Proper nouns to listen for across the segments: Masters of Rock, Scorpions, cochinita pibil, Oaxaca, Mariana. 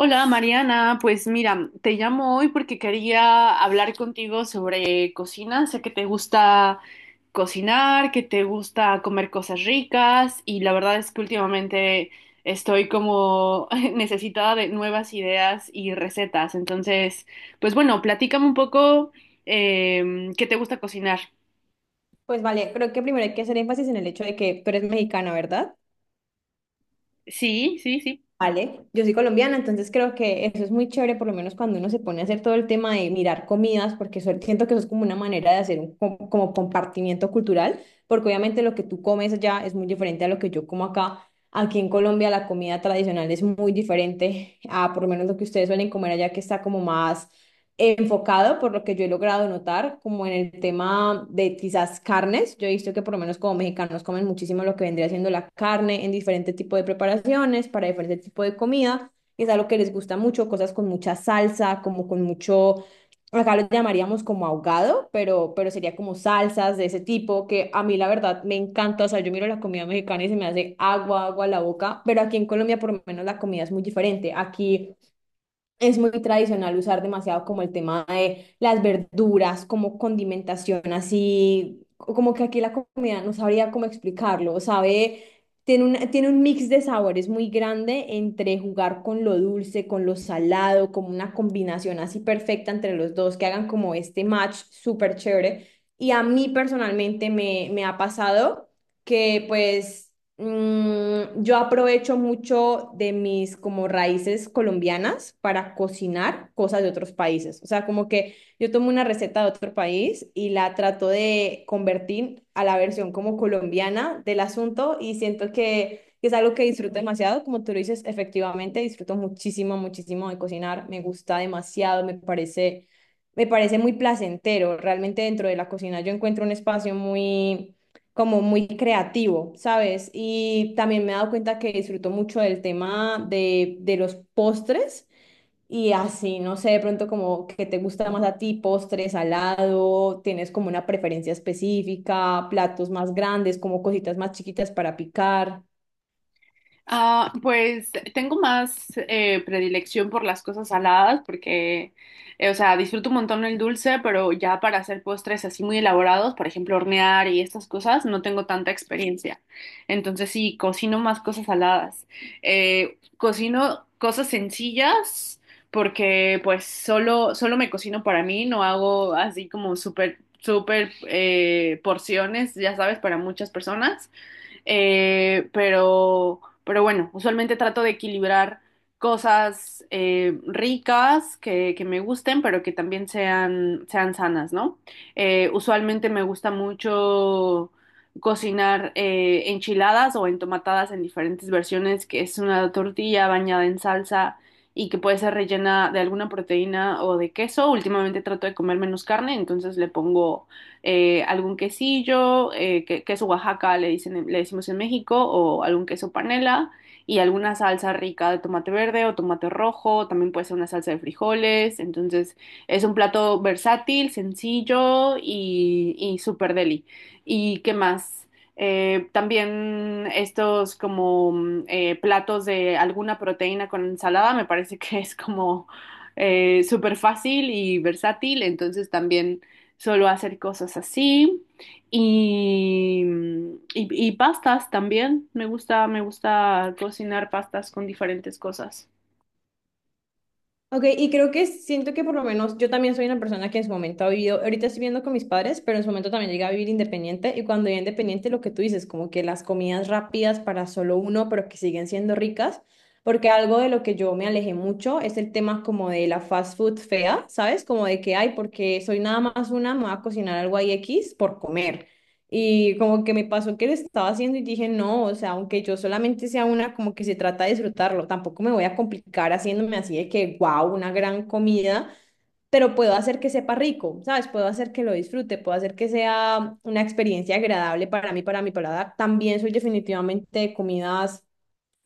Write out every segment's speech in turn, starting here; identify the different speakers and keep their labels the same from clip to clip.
Speaker 1: Hola Mariana, pues mira, te llamo hoy porque quería hablar contigo sobre cocina. Sé que te gusta cocinar, que te gusta comer cosas ricas y la verdad es que últimamente estoy como necesitada de nuevas ideas y recetas. Entonces, pues bueno, platícame un poco qué te gusta cocinar.
Speaker 2: Pues vale, creo que primero hay que hacer énfasis en el hecho de que tú eres mexicana, ¿verdad?
Speaker 1: Sí, sí, sí.
Speaker 2: Vale, yo soy colombiana, entonces creo que eso es muy chévere, por lo menos cuando uno se pone a hacer todo el tema de mirar comidas, porque siento que eso es como una manera de hacer un como compartimiento cultural, porque obviamente lo que tú comes allá es muy diferente a lo que yo como acá. Aquí en Colombia la comida tradicional es muy diferente a por lo menos lo que ustedes suelen comer allá, que está como más enfocado, por lo que yo he logrado notar, como en el tema de quizás carnes. Yo he visto que por lo menos como mexicanos comen muchísimo lo que vendría siendo la carne en diferentes tipos de preparaciones, para diferentes tipos de comida. Es algo que les gusta mucho, cosas con mucha salsa, como con mucho, acá lo llamaríamos como ahogado, pero sería como salsas de ese tipo, que a mí la verdad me encanta. O sea, yo miro la comida mexicana y se me hace agua a la boca, pero aquí en Colombia por lo menos la comida es muy diferente. Aquí es muy tradicional usar demasiado como el tema de las verduras, como condimentación, así como que aquí la comida no sabría cómo explicarlo, sabe, tiene un mix de sabores muy grande entre jugar con lo dulce, con lo salado, como una combinación así perfecta entre los dos, que hagan como este match súper chévere. Y a mí personalmente me ha pasado que pues yo aprovecho mucho de mis como raíces colombianas para cocinar cosas de otros países. O sea, como que yo tomo una receta de otro país y la trato de convertir a la versión como colombiana del asunto y siento que es algo que disfruto demasiado. Como tú lo dices, efectivamente, disfruto muchísimo, muchísimo de cocinar. Me gusta demasiado, me parece muy placentero. Realmente dentro de la cocina yo encuentro un espacio muy como muy creativo, ¿sabes? Y también me he dado cuenta que disfruto mucho del tema de los postres y así, no sé, de pronto como que te gusta más a ti, postres, salado, tienes como una preferencia específica, platos más grandes, como cositas más chiquitas para picar.
Speaker 1: Ah, pues tengo más predilección por las cosas saladas porque, o sea, disfruto un montón el dulce, pero ya para hacer postres así muy elaborados, por ejemplo, hornear y estas cosas, no tengo tanta experiencia. Entonces sí, cocino más cosas saladas. Cocino cosas sencillas porque pues solo me cocino para mí, no hago así como súper, súper porciones, ya sabes, para muchas personas. Pero bueno, usualmente trato de equilibrar cosas ricas que me gusten, pero que también sean sanas, ¿no? Usualmente me gusta mucho cocinar enchiladas o entomatadas en diferentes versiones, que es una tortilla bañada en salsa y que puede ser rellena de alguna proteína o de queso. Últimamente trato de comer menos carne, entonces le pongo algún quesillo, queso Oaxaca le dicen, le decimos en México, o algún queso panela y alguna salsa rica de tomate verde o tomate rojo, también puede ser una salsa de frijoles, entonces es un plato versátil, sencillo y súper deli. ¿Y qué más? También estos como platos de alguna proteína con ensalada me parece que es como súper fácil y versátil, entonces también solo hacer cosas así. Y, y pastas también. Me gusta cocinar pastas con diferentes cosas.
Speaker 2: Ok, y creo que siento que por lo menos yo también soy una persona que en su momento ha vivido, ahorita estoy viviendo con mis padres, pero en su momento también llegué a vivir independiente y cuando vivía independiente lo que tú dices, como que las comidas rápidas para solo uno, pero que siguen siendo ricas, porque algo de lo que yo me alejé mucho es el tema como de la fast food fea, ¿sabes? Como de que, ay, porque soy nada más una, me voy a cocinar algo ahí X por comer. Y como que me pasó que lo estaba haciendo y dije, no, o sea, aunque yo solamente sea una, como que se trata de disfrutarlo, tampoco me voy a complicar haciéndome así de que, wow, una gran comida, pero puedo hacer que sepa rico, ¿sabes? Puedo hacer que lo disfrute, puedo hacer que sea una experiencia agradable para mí, para mi paladar. También soy definitivamente de comidas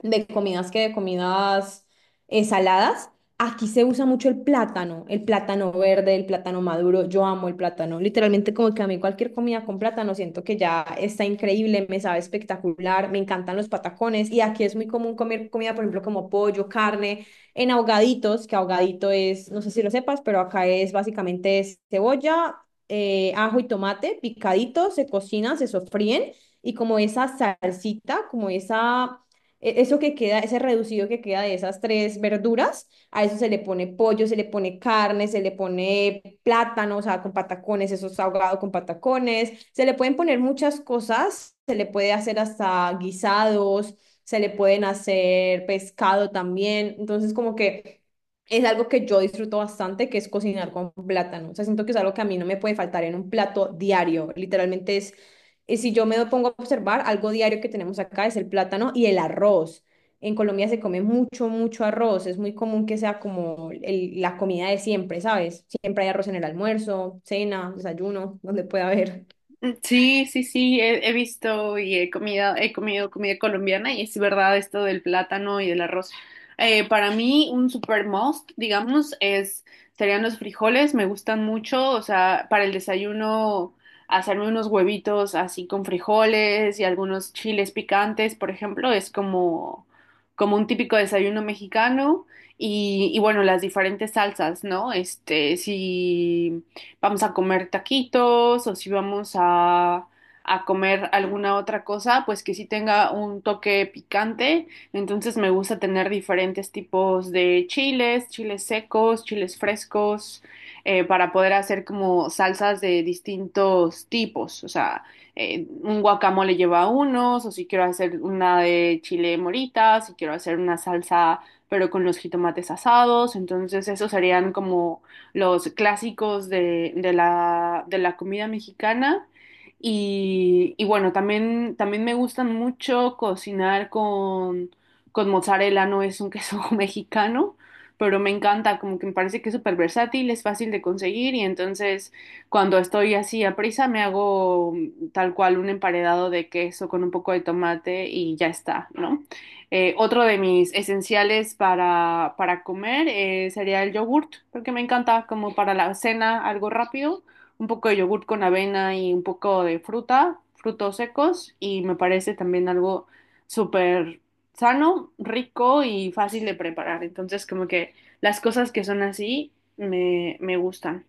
Speaker 2: de comidas que de comidas eh, saladas. Aquí se usa mucho el plátano verde, el plátano maduro. Yo amo el plátano. Literalmente como que a mí cualquier comida con plátano siento que ya está increíble, me sabe espectacular, me encantan los patacones y aquí es muy común comer comida, por ejemplo, como pollo, carne, en ahogaditos, que ahogadito es, no sé si lo sepas, pero acá es básicamente es cebolla, ajo y tomate picaditos, se cocinan, se sofríen y como esa salsita, como esa eso que queda, ese reducido que queda de esas tres verduras, a eso se le pone pollo, se le pone carne, se le pone plátano, o sea, con patacones, eso es ahogado con patacones, se le pueden poner muchas cosas, se le puede hacer hasta guisados, se le pueden hacer pescado también, entonces como que es algo que yo disfruto bastante, que es cocinar con plátano, o sea, siento que es algo que a mí no me puede faltar en un plato diario, literalmente, y si yo me pongo a observar, algo diario que tenemos acá es el plátano y el arroz. En Colombia se come mucho, mucho arroz. Es muy común que sea como la comida de siempre, ¿sabes? Siempre hay arroz en el almuerzo, cena, desayuno, donde pueda haber.
Speaker 1: Sí, sí, sí, he, he visto y he comido comida colombiana y es verdad esto del plátano y del arroz. Para mí un super must, digamos, es serían los frijoles, me gustan mucho, o sea, para el desayuno hacerme unos huevitos así con frijoles y algunos chiles picantes, por ejemplo, es como un típico desayuno mexicano y bueno, las diferentes salsas, ¿no? Este, sí vamos a comer taquitos o si a comer alguna otra cosa, pues que sí tenga un toque picante. Entonces me gusta tener diferentes tipos de chiles, chiles secos, chiles frescos, para poder hacer como salsas de distintos tipos. O sea, un guacamole lleva unos, o si quiero hacer una de chile morita, si quiero hacer una salsa pero con los jitomates asados, entonces esos serían como los clásicos de la comida mexicana. Y bueno, también, también me gustan mucho cocinar con mozzarella, no es un queso mexicano, pero me encanta, como que me parece que es súper versátil, es fácil de conseguir y entonces cuando estoy así a prisa me hago tal cual un emparedado de queso con un poco de tomate y ya está, ¿no? Otro de mis esenciales para comer sería el yogurt, porque me encanta como para la cena algo rápido, un poco de yogurt con avena y un poco de fruta, frutos secos, y me parece también algo súper sano, rico y fácil de preparar. Entonces, como que las cosas que son así me, me gustan.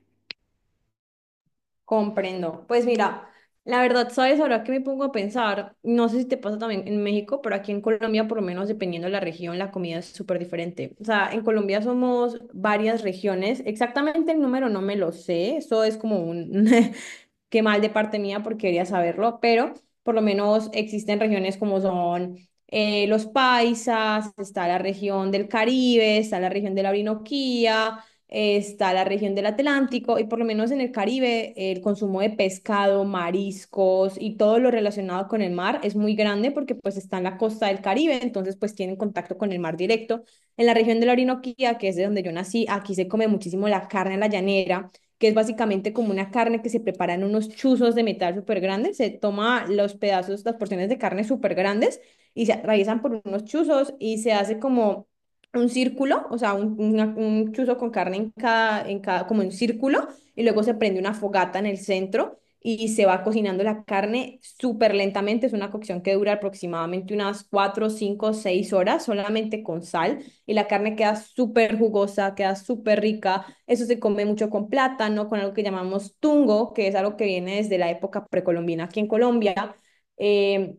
Speaker 2: Comprendo. Pues mira, la verdad, ¿sabes? Ahora que me pongo a pensar, no sé si te pasa también en México, pero aquí en Colombia, por lo menos dependiendo de la región, la comida es súper diferente. O sea, en Colombia somos varias regiones. Exactamente el número no me lo sé. Eso es como un... qué mal de parte mía porque quería saberlo, pero por lo menos existen regiones como son los paisas, está la región del Caribe, está la región de la Orinoquía, está la región del Atlántico y por lo menos en el Caribe el consumo de pescado, mariscos y todo lo relacionado con el mar es muy grande porque pues está en la costa del Caribe, entonces pues tienen contacto con el mar directo. En la región de la Orinoquía, que es de donde yo nací, aquí se come muchísimo la carne a la llanera, que es básicamente como una carne que se prepara en unos chuzos de metal súper grandes. Se toma los pedazos, las porciones de carne súper grandes y se atraviesan por unos chuzos y se hace como un círculo, o sea, un, un chuzo con carne en cada, como un círculo, y luego se prende una fogata en el centro y se va cocinando la carne súper lentamente. Es una cocción que dura aproximadamente unas 4 5 6 horas solamente con sal y la carne queda súper jugosa, queda súper rica. Eso se come mucho con plátano, con algo que llamamos tungo, que es algo que viene desde la época precolombina aquí en Colombia. Eh,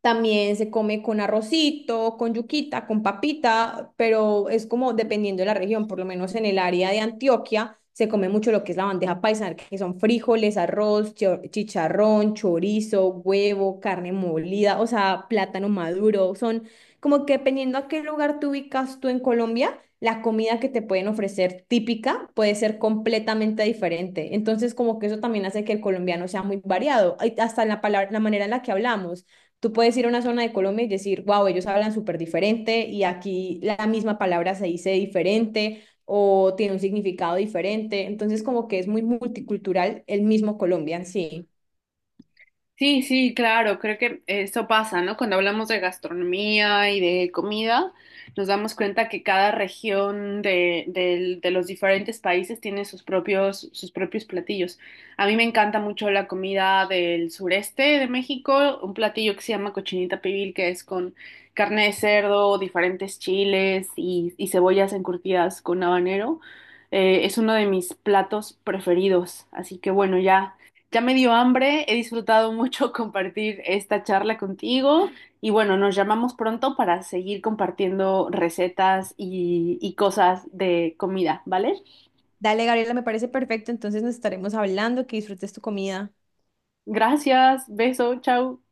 Speaker 2: También se come con arrocito, con yuquita, con papita, pero es como dependiendo de la región, por lo menos en el área de Antioquia se come mucho lo que es la bandeja paisa, que son frijoles, arroz, chicharrón, chorizo, huevo, carne molida, o sea, plátano maduro. Son como que dependiendo a qué lugar te ubicas tú en Colombia, la comida que te pueden ofrecer típica puede ser completamente diferente. Entonces, como que eso también hace que el colombiano sea muy variado, ay, hasta en la palabra, la manera en la que hablamos. Tú puedes ir a una zona de Colombia y decir, wow, ellos hablan súper diferente y aquí la misma palabra se dice diferente o tiene un significado diferente. Entonces, como que es muy multicultural el mismo Colombia en sí.
Speaker 1: Sí, sí, claro, creo que eso pasa, ¿no? Cuando hablamos de gastronomía y de comida, nos damos cuenta que cada región de los diferentes países tiene sus propios platillos. A mí me encanta mucho la comida del sureste de México, un platillo que se llama cochinita pibil, que es con carne de cerdo, diferentes chiles y cebollas encurtidas con habanero. Es uno de mis platos preferidos, así que bueno, ya. Ya me dio hambre, he disfrutado mucho compartir esta charla contigo y bueno, nos llamamos pronto para seguir compartiendo recetas y cosas de comida, ¿vale?
Speaker 2: Dale, Gabriela, me parece perfecto. Entonces nos estaremos hablando. Que disfrutes tu comida.
Speaker 1: Gracias, beso, chao.